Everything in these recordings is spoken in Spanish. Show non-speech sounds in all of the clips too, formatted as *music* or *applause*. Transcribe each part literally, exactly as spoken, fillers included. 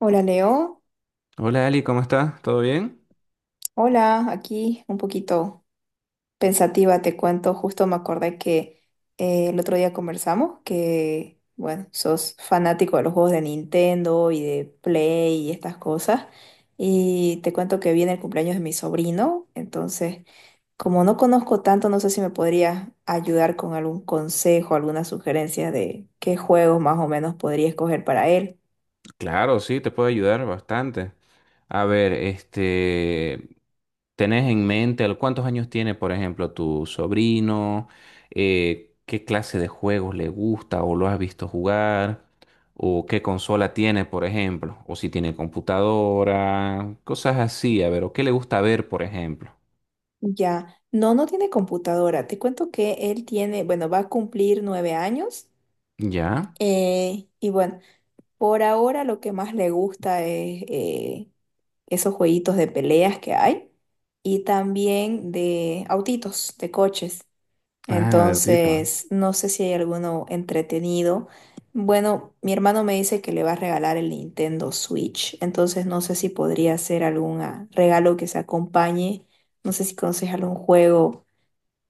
Hola Leo, Hola Ali, ¿cómo estás? ¿Todo bien? hola, aquí un poquito pensativa te cuento. Justo me acordé que eh, el otro día conversamos que, bueno, sos fanático de los juegos de Nintendo y de Play y estas cosas, y te cuento que viene el cumpleaños de mi sobrino. Entonces, como no conozco tanto, no sé si me podrías ayudar con algún consejo, alguna sugerencia de qué juegos más o menos podría escoger para él. Claro, sí, te puedo ayudar bastante. A ver, este, ¿tenés en mente al- cuántos años tiene, por ejemplo, tu sobrino? Eh, ¿qué clase de juegos le gusta o lo has visto jugar? ¿O qué consola tiene, por ejemplo? ¿O si tiene computadora? Cosas así, a ver, ¿o qué le gusta ver, por ejemplo? Ya, no, no tiene computadora. Te cuento que él tiene, bueno, va a cumplir nueve años. ¿Ya? Eh, y bueno, por ahora lo que más le gusta es eh, esos jueguitos de peleas que hay, y también de autitos, de coches. Ah, de Tito. Entonces, no sé si hay alguno entretenido. Bueno, mi hermano me dice que le va a regalar el Nintendo Switch, entonces no sé si podría ser algún ah, regalo que se acompañe. No sé si conoces algún juego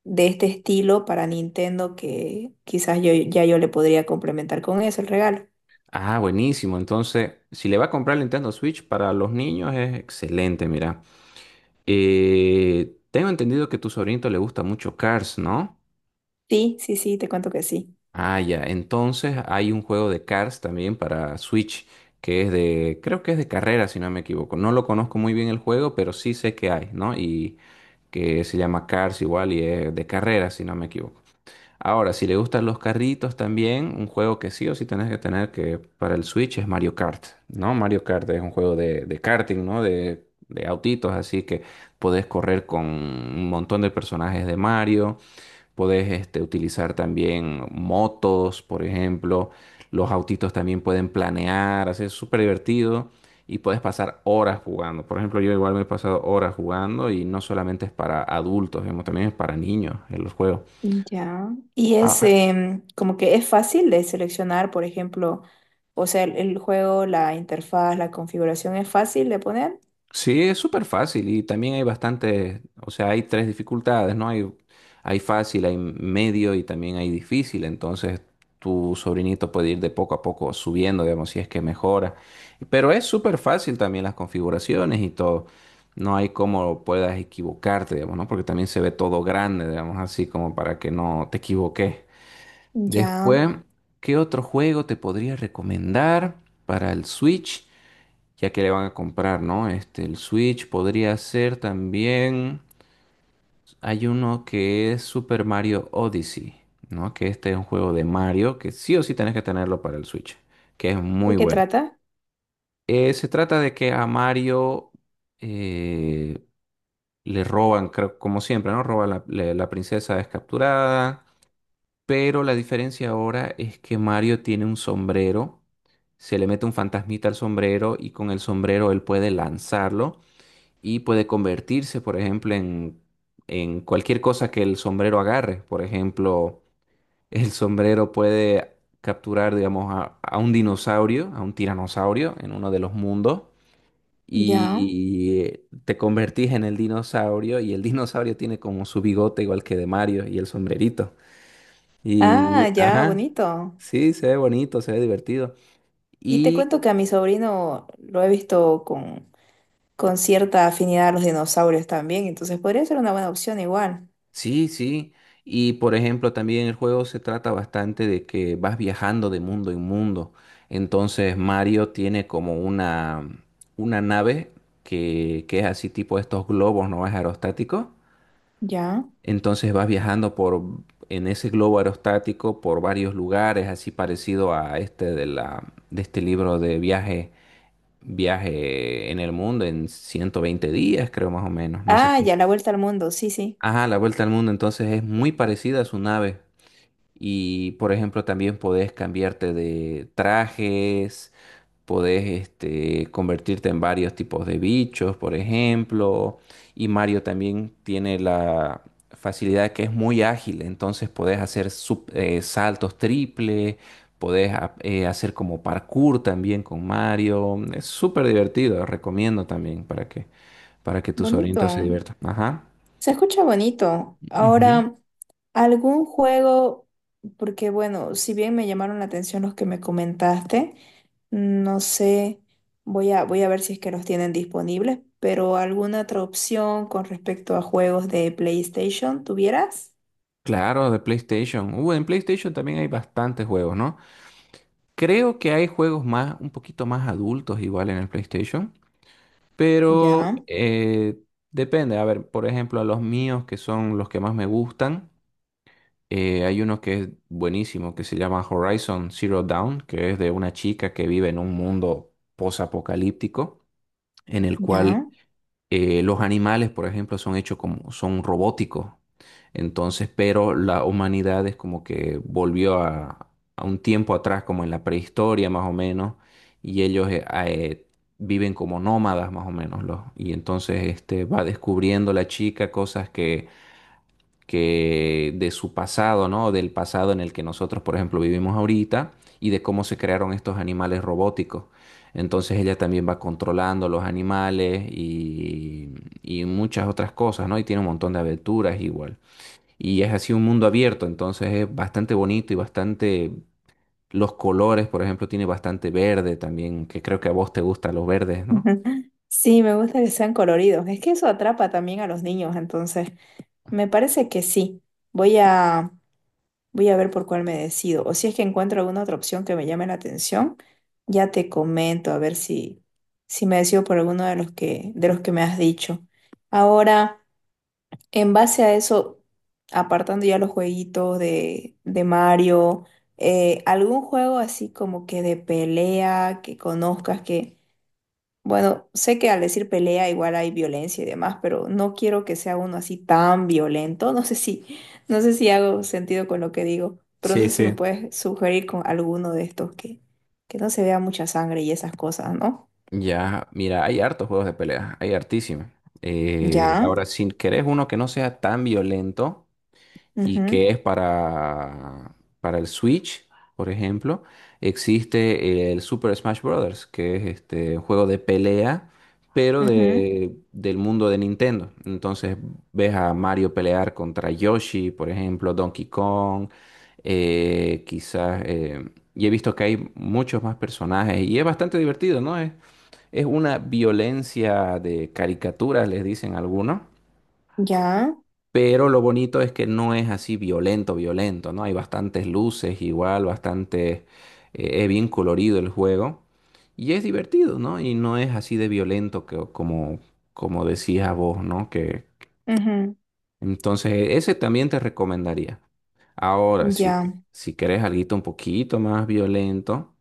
de este estilo para Nintendo que quizás yo ya yo le podría complementar con eso el regalo. Ah, buenísimo. Entonces, si le va a comprar el Nintendo Switch para los niños es excelente, mira. Eh, tengo entendido que a tu sobrinito le gusta mucho Cars, ¿no? Sí, sí, sí, te cuento que sí. Ah, ya. Entonces hay un juego de Cars también para Switch que es de, creo que es de carrera, si no me equivoco. No lo conozco muy bien el juego, pero sí sé que hay, ¿no? Y que se llama Cars igual y es de carrera, si no me equivoco. Ahora, si le gustan los carritos también, un juego que sí o sí tenés que tener que para el Switch es Mario Kart, ¿no? Mario Kart es un juego de, de karting, ¿no? De, de autitos, así que podés correr con un montón de personajes de Mario, podés este, utilizar también motos, por ejemplo, los autitos también pueden planear, así es súper divertido y puedes pasar horas jugando. Por ejemplo, yo igual me he pasado horas jugando y no solamente es para adultos, digamos, también es para niños en los juegos. Ya. Y es Ah. em, como que es fácil de seleccionar, por ejemplo. O sea, el, el juego, la interfaz, la configuración es fácil de poner. Sí, es súper fácil y también hay bastantes, o sea, hay tres dificultades, ¿no? Hay, hay fácil, hay medio y también hay difícil, entonces tu sobrinito puede ir de poco a poco subiendo, digamos, si es que mejora. Pero es súper fácil también las configuraciones y todo. No hay cómo puedas equivocarte, digamos, ¿no? Porque también se ve todo grande, digamos, así como para que no te equivoques. Ya. Después, ¿qué otro juego te podría recomendar para el Switch, ya que le van a comprar, ¿no? Este, el Switch podría ser también. Hay uno que es Super Mario Odyssey, ¿no? Que este es un juego de Mario que sí o sí tenés que tenerlo para el Switch, que es muy ¿De qué bueno. trata? Eh, se trata de que a Mario eh, le roban, creo, como siempre, ¿no? Roban la, le- la princesa es capturada, pero la diferencia ahora es que Mario tiene un sombrero, se le mete un fantasmita al sombrero y con el sombrero él puede lanzarlo y puede convertirse, por ejemplo, en, en cualquier cosa que el sombrero agarre. Por ejemplo, *laughs* el sombrero puede capturar, digamos, a, a un dinosaurio, a un tiranosaurio en uno de los mundos. Ya. Y te convertís en el dinosaurio y el dinosaurio tiene como su bigote igual que de Mario y el sombrerito. Y, Ah, ya, ajá, bonito. sí, se ve bonito, se ve divertido. Y te Y cuento que a mi sobrino lo he visto con, con cierta afinidad a los dinosaurios también, entonces podría ser una buena opción igual. sí, sí. Y, por ejemplo, también el juego se trata bastante de que vas viajando de mundo en mundo. Entonces Mario tiene como una, una nave que, que es así tipo estos globos, ¿no? Es aerostático. Ya. Entonces vas viajando por en ese globo aerostático por varios lugares, así parecido a este de la, de este libro de viaje, viaje en el mundo en ciento veinte días, creo más o menos. No sé Ah, si. ya, la vuelta al mundo, sí, sí. Ajá, la vuelta al mundo, entonces es muy parecida a su nave. Y, por ejemplo, también podés cambiarte de trajes, podés este, convertirte en varios tipos de bichos, por ejemplo. Y Mario también tiene la facilidad que es muy ágil, entonces podés hacer sup- eh, saltos triple, podés a- eh, hacer como parkour también con Mario. Es súper divertido, recomiendo también para que, para que tus Bonito. sobrinitos se diviertan. Ajá. Se escucha bonito. Ujú. Ahora, algún juego, porque bueno, si bien me llamaron la atención los que me comentaste, no sé, voy a, voy a ver si es que los tienen disponibles, pero alguna otra opción con respecto a juegos de PlayStation, ¿tuvieras? Claro, de PlayStation. Uh, en PlayStation también hay bastantes juegos, ¿no? Creo que hay juegos más, un poquito más adultos igual en el PlayStation, pero Ya, eh, depende. A ver, por ejemplo, a los míos que son los que más me gustan, eh, hay uno que es buenísimo, que se llama Horizon Zero Dawn, que es de una chica que vive en un mundo posapocalíptico, en el cual ya. eh, los animales, por ejemplo, son hechos como, son robóticos. Entonces, pero la humanidad es como que volvió a, a un tiempo atrás, como en la prehistoria más o menos, y ellos eh, ah, eh, viven como nómadas más o menos, los, y entonces este, va descubriendo la chica cosas que que de su pasado, ¿no? Del pasado en el que nosotros, por ejemplo, vivimos ahorita y de cómo se crearon estos animales robóticos. Entonces ella también va controlando los animales y, y muchas otras cosas, ¿no? Y tiene un montón de aventuras igual. Y es así un mundo abierto, entonces es bastante bonito y bastante. Los colores, por ejemplo, tiene bastante verde también, que creo que a vos te gustan los verdes, ¿no? *laughs* Sí, me gusta que sean coloridos. Es que eso atrapa también a los niños, entonces me parece que sí. Voy a Voy a ver por cuál me decido. O si es que encuentro alguna otra opción que me llame la atención, ya te comento a ver si, si me decido por alguno de los que, de los que me has dicho. Ahora, en base a eso, apartando ya los jueguitos de, de Mario, eh, ¿algún juego así como que de pelea que conozcas? Bueno, sé que al decir pelea igual hay violencia y demás, pero no quiero que sea uno así tan violento. No sé si, *laughs* no sé si hago sentido con lo que digo, pero no Sí, sé si me sí. puedes sugerir con alguno de estos que, que no se vea mucha sangre y esas cosas, ¿no? Ya, mira, hay hartos juegos de pelea, hay hartísimos. Eh, Ya, Ahora, si querés uno que no sea tan violento y ujú, que es para, para, el Switch, por ejemplo, existe el Super Smash Bros., que es este un juego de pelea, pero ujú, de, del mundo de Nintendo. Entonces, ves a Mario pelear contra Yoshi, por ejemplo, Donkey Kong, eh, quizás, eh, y he visto que hay muchos más personajes y es bastante divertido, ¿no? Es una violencia de caricaturas, les dicen algunos, ya, pero lo bonito es que no es así violento, violento, ¿no? Hay bastantes luces igual, bastante, eh, es bien colorido el juego y es divertido, ¿no? Y no es así de violento que, como, como decías vos, ¿no? Que ujú, entonces ese también te recomendaría. Ahora, si, ya. si querés alguito un poquito más violento,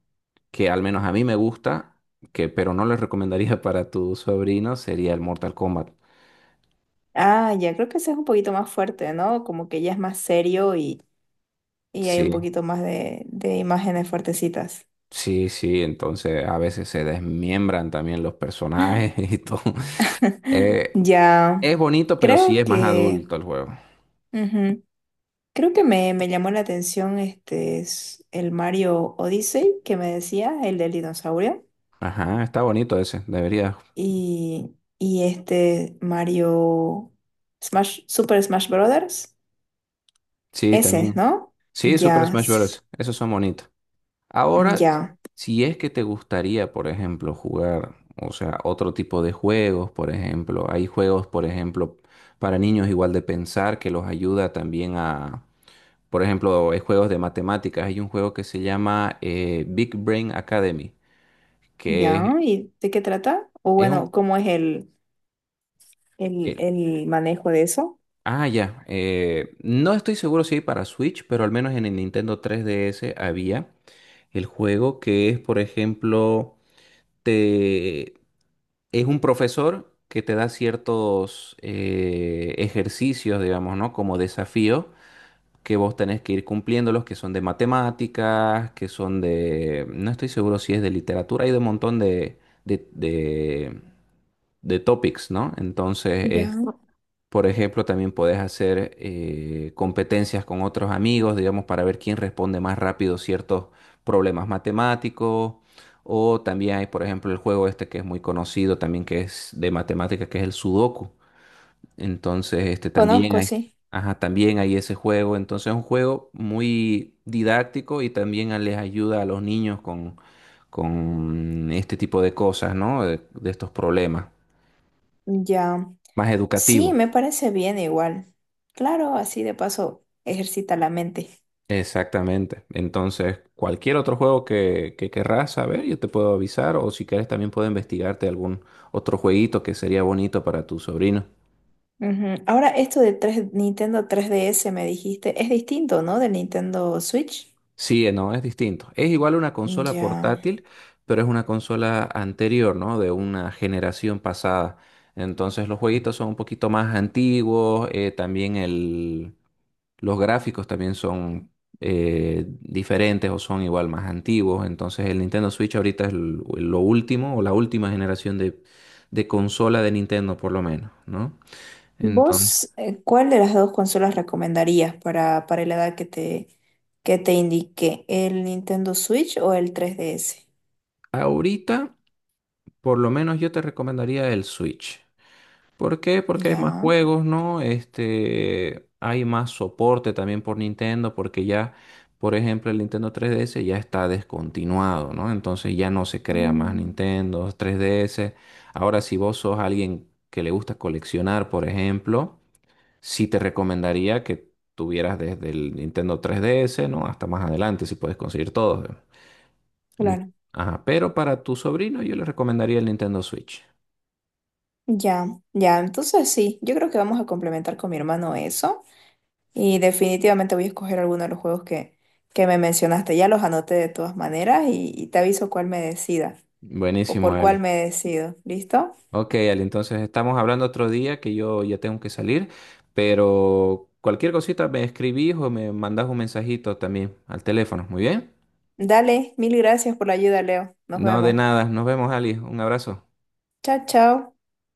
que al menos a mí me gusta, que, pero no les recomendaría *laughs* para tu sobrino, sería el Mortal Kombat. Ah, ya, creo que ese es un poquito más fuerte, ¿no? Como que ya es más serio, y, y hay un Sí, poquito más de, de imágenes fuertecitas. sí, sí, entonces a veces se desmiembran también los personajes *laughs* y todo. *laughs* Eh, Ya, es bonito, pero sí creo es más que. adulto el juego. Ujú. Creo que me, me llamó la atención este es el Mario Odyssey que me decía, el del dinosaurio, Ajá, está bonito ese, debería. y, y este Mario Smash, Super Smash Brothers. Sí, Ese, también. ¿no? Sí, Super Ya, Smash s- Bros. Esos son bonitos. Ahora, ya, si es que te gustaría, por ejemplo, jugar, o sea, otro tipo de juegos, por ejemplo, hay juegos, por ejemplo, para niños igual de pensar que los ayuda también a, por ejemplo, hay juegos de matemáticas, hay un juego que se llama eh, Big Brain Academy, que es, ya. ¿Y de qué trata? O es un, bueno, ¿cómo es el, el, eh, el manejo de eso? ah, ya, eh, no estoy seguro si hay para Switch, pero al menos en el Nintendo tres D S había el juego que es, por ejemplo, te es un profesor que te da ciertos eh, ejercicios, digamos, ¿no? Como desafíos que vos tenés que ir cumpliéndolos, que son de matemáticas, que son de, no estoy seguro si es de literatura, hay de un montón de, de, de, de topics, ¿no? Entonces, eh, Ya. por ejemplo, también podés hacer eh, competencias con otros amigos, digamos, para ver quién responde más rápido ciertos problemas matemáticos. O también hay, por ejemplo, el juego este que es muy conocido también, que es de matemáticas, que es el Sudoku. Entonces, este también Conozco, hay, sí. ajá, también hay ese juego. Entonces, es un juego muy didáctico y también a- les ayuda a los niños con, con este tipo de cosas, ¿no? De, de estos problemas, Ya. más Sí, educativo. me parece bien igual. Claro, así de paso ejercita la mente. Exactamente. Entonces, cualquier otro juego que, que querrás saber, yo te puedo avisar, o si quieres también puedo investigarte algún otro jueguito que sería bonito para tu sobrino. Ujú. Ahora, esto de tres Nintendo tres D S me dijiste, es distinto, ¿no? Del Nintendo Switch. Sí, eh, no, es distinto. Es igual una consola Ya. portátil, pero es una consola anterior, ¿no? De una generación pasada. Entonces los jueguitos son un poquito más antiguos, eh, también el, los gráficos también son eh, diferentes o son igual más antiguos. Entonces el Nintendo Switch ahorita es l- lo último o la última generación de, de consola de Nintendo por lo menos, ¿no? Entonces, ¿Vos eh, cuál de las dos consolas recomendarías para, para la edad que te, que te indiqué? ¿El Nintendo Switch o el tres D S? ahorita por lo menos yo te recomendaría el Switch. ¿Por qué? Porque hay más Ya. juegos, ¿no? Este, hay más soporte también por Nintendo, porque ya, por ejemplo, el Nintendo tres D S ya está descontinuado, ¿no? Entonces ya no se crea más Mm, Nintendo tres D S. Ahora, si vos sos alguien que le gusta coleccionar, por ejemplo, sí te recomendaría que tuvieras desde el Nintendo tres D S, ¿no? Hasta más adelante, si puedes conseguir todos. Mm. claro. Ajá, pero para tu sobrino yo le recomendaría el Nintendo Switch. Ya, ya. Entonces sí, yo creo que vamos a complementar con mi hermano eso. Y definitivamente voy a escoger alguno de los juegos que, que me mencionaste. Ya los anoté de todas maneras y y te aviso cuál me decida. O Buenísimo, por cuál Ale. me decido. ¿Listo? Ok, Ale, entonces estamos hablando otro día que yo ya tengo que salir, pero cualquier cosita me escribís o me mandás un mensajito también al teléfono, ¿muy bien? Dale, mil gracias por la ayuda, Leo. Nos No, de vemos. nada, nos vemos, Ali, un abrazo. Chao, chao.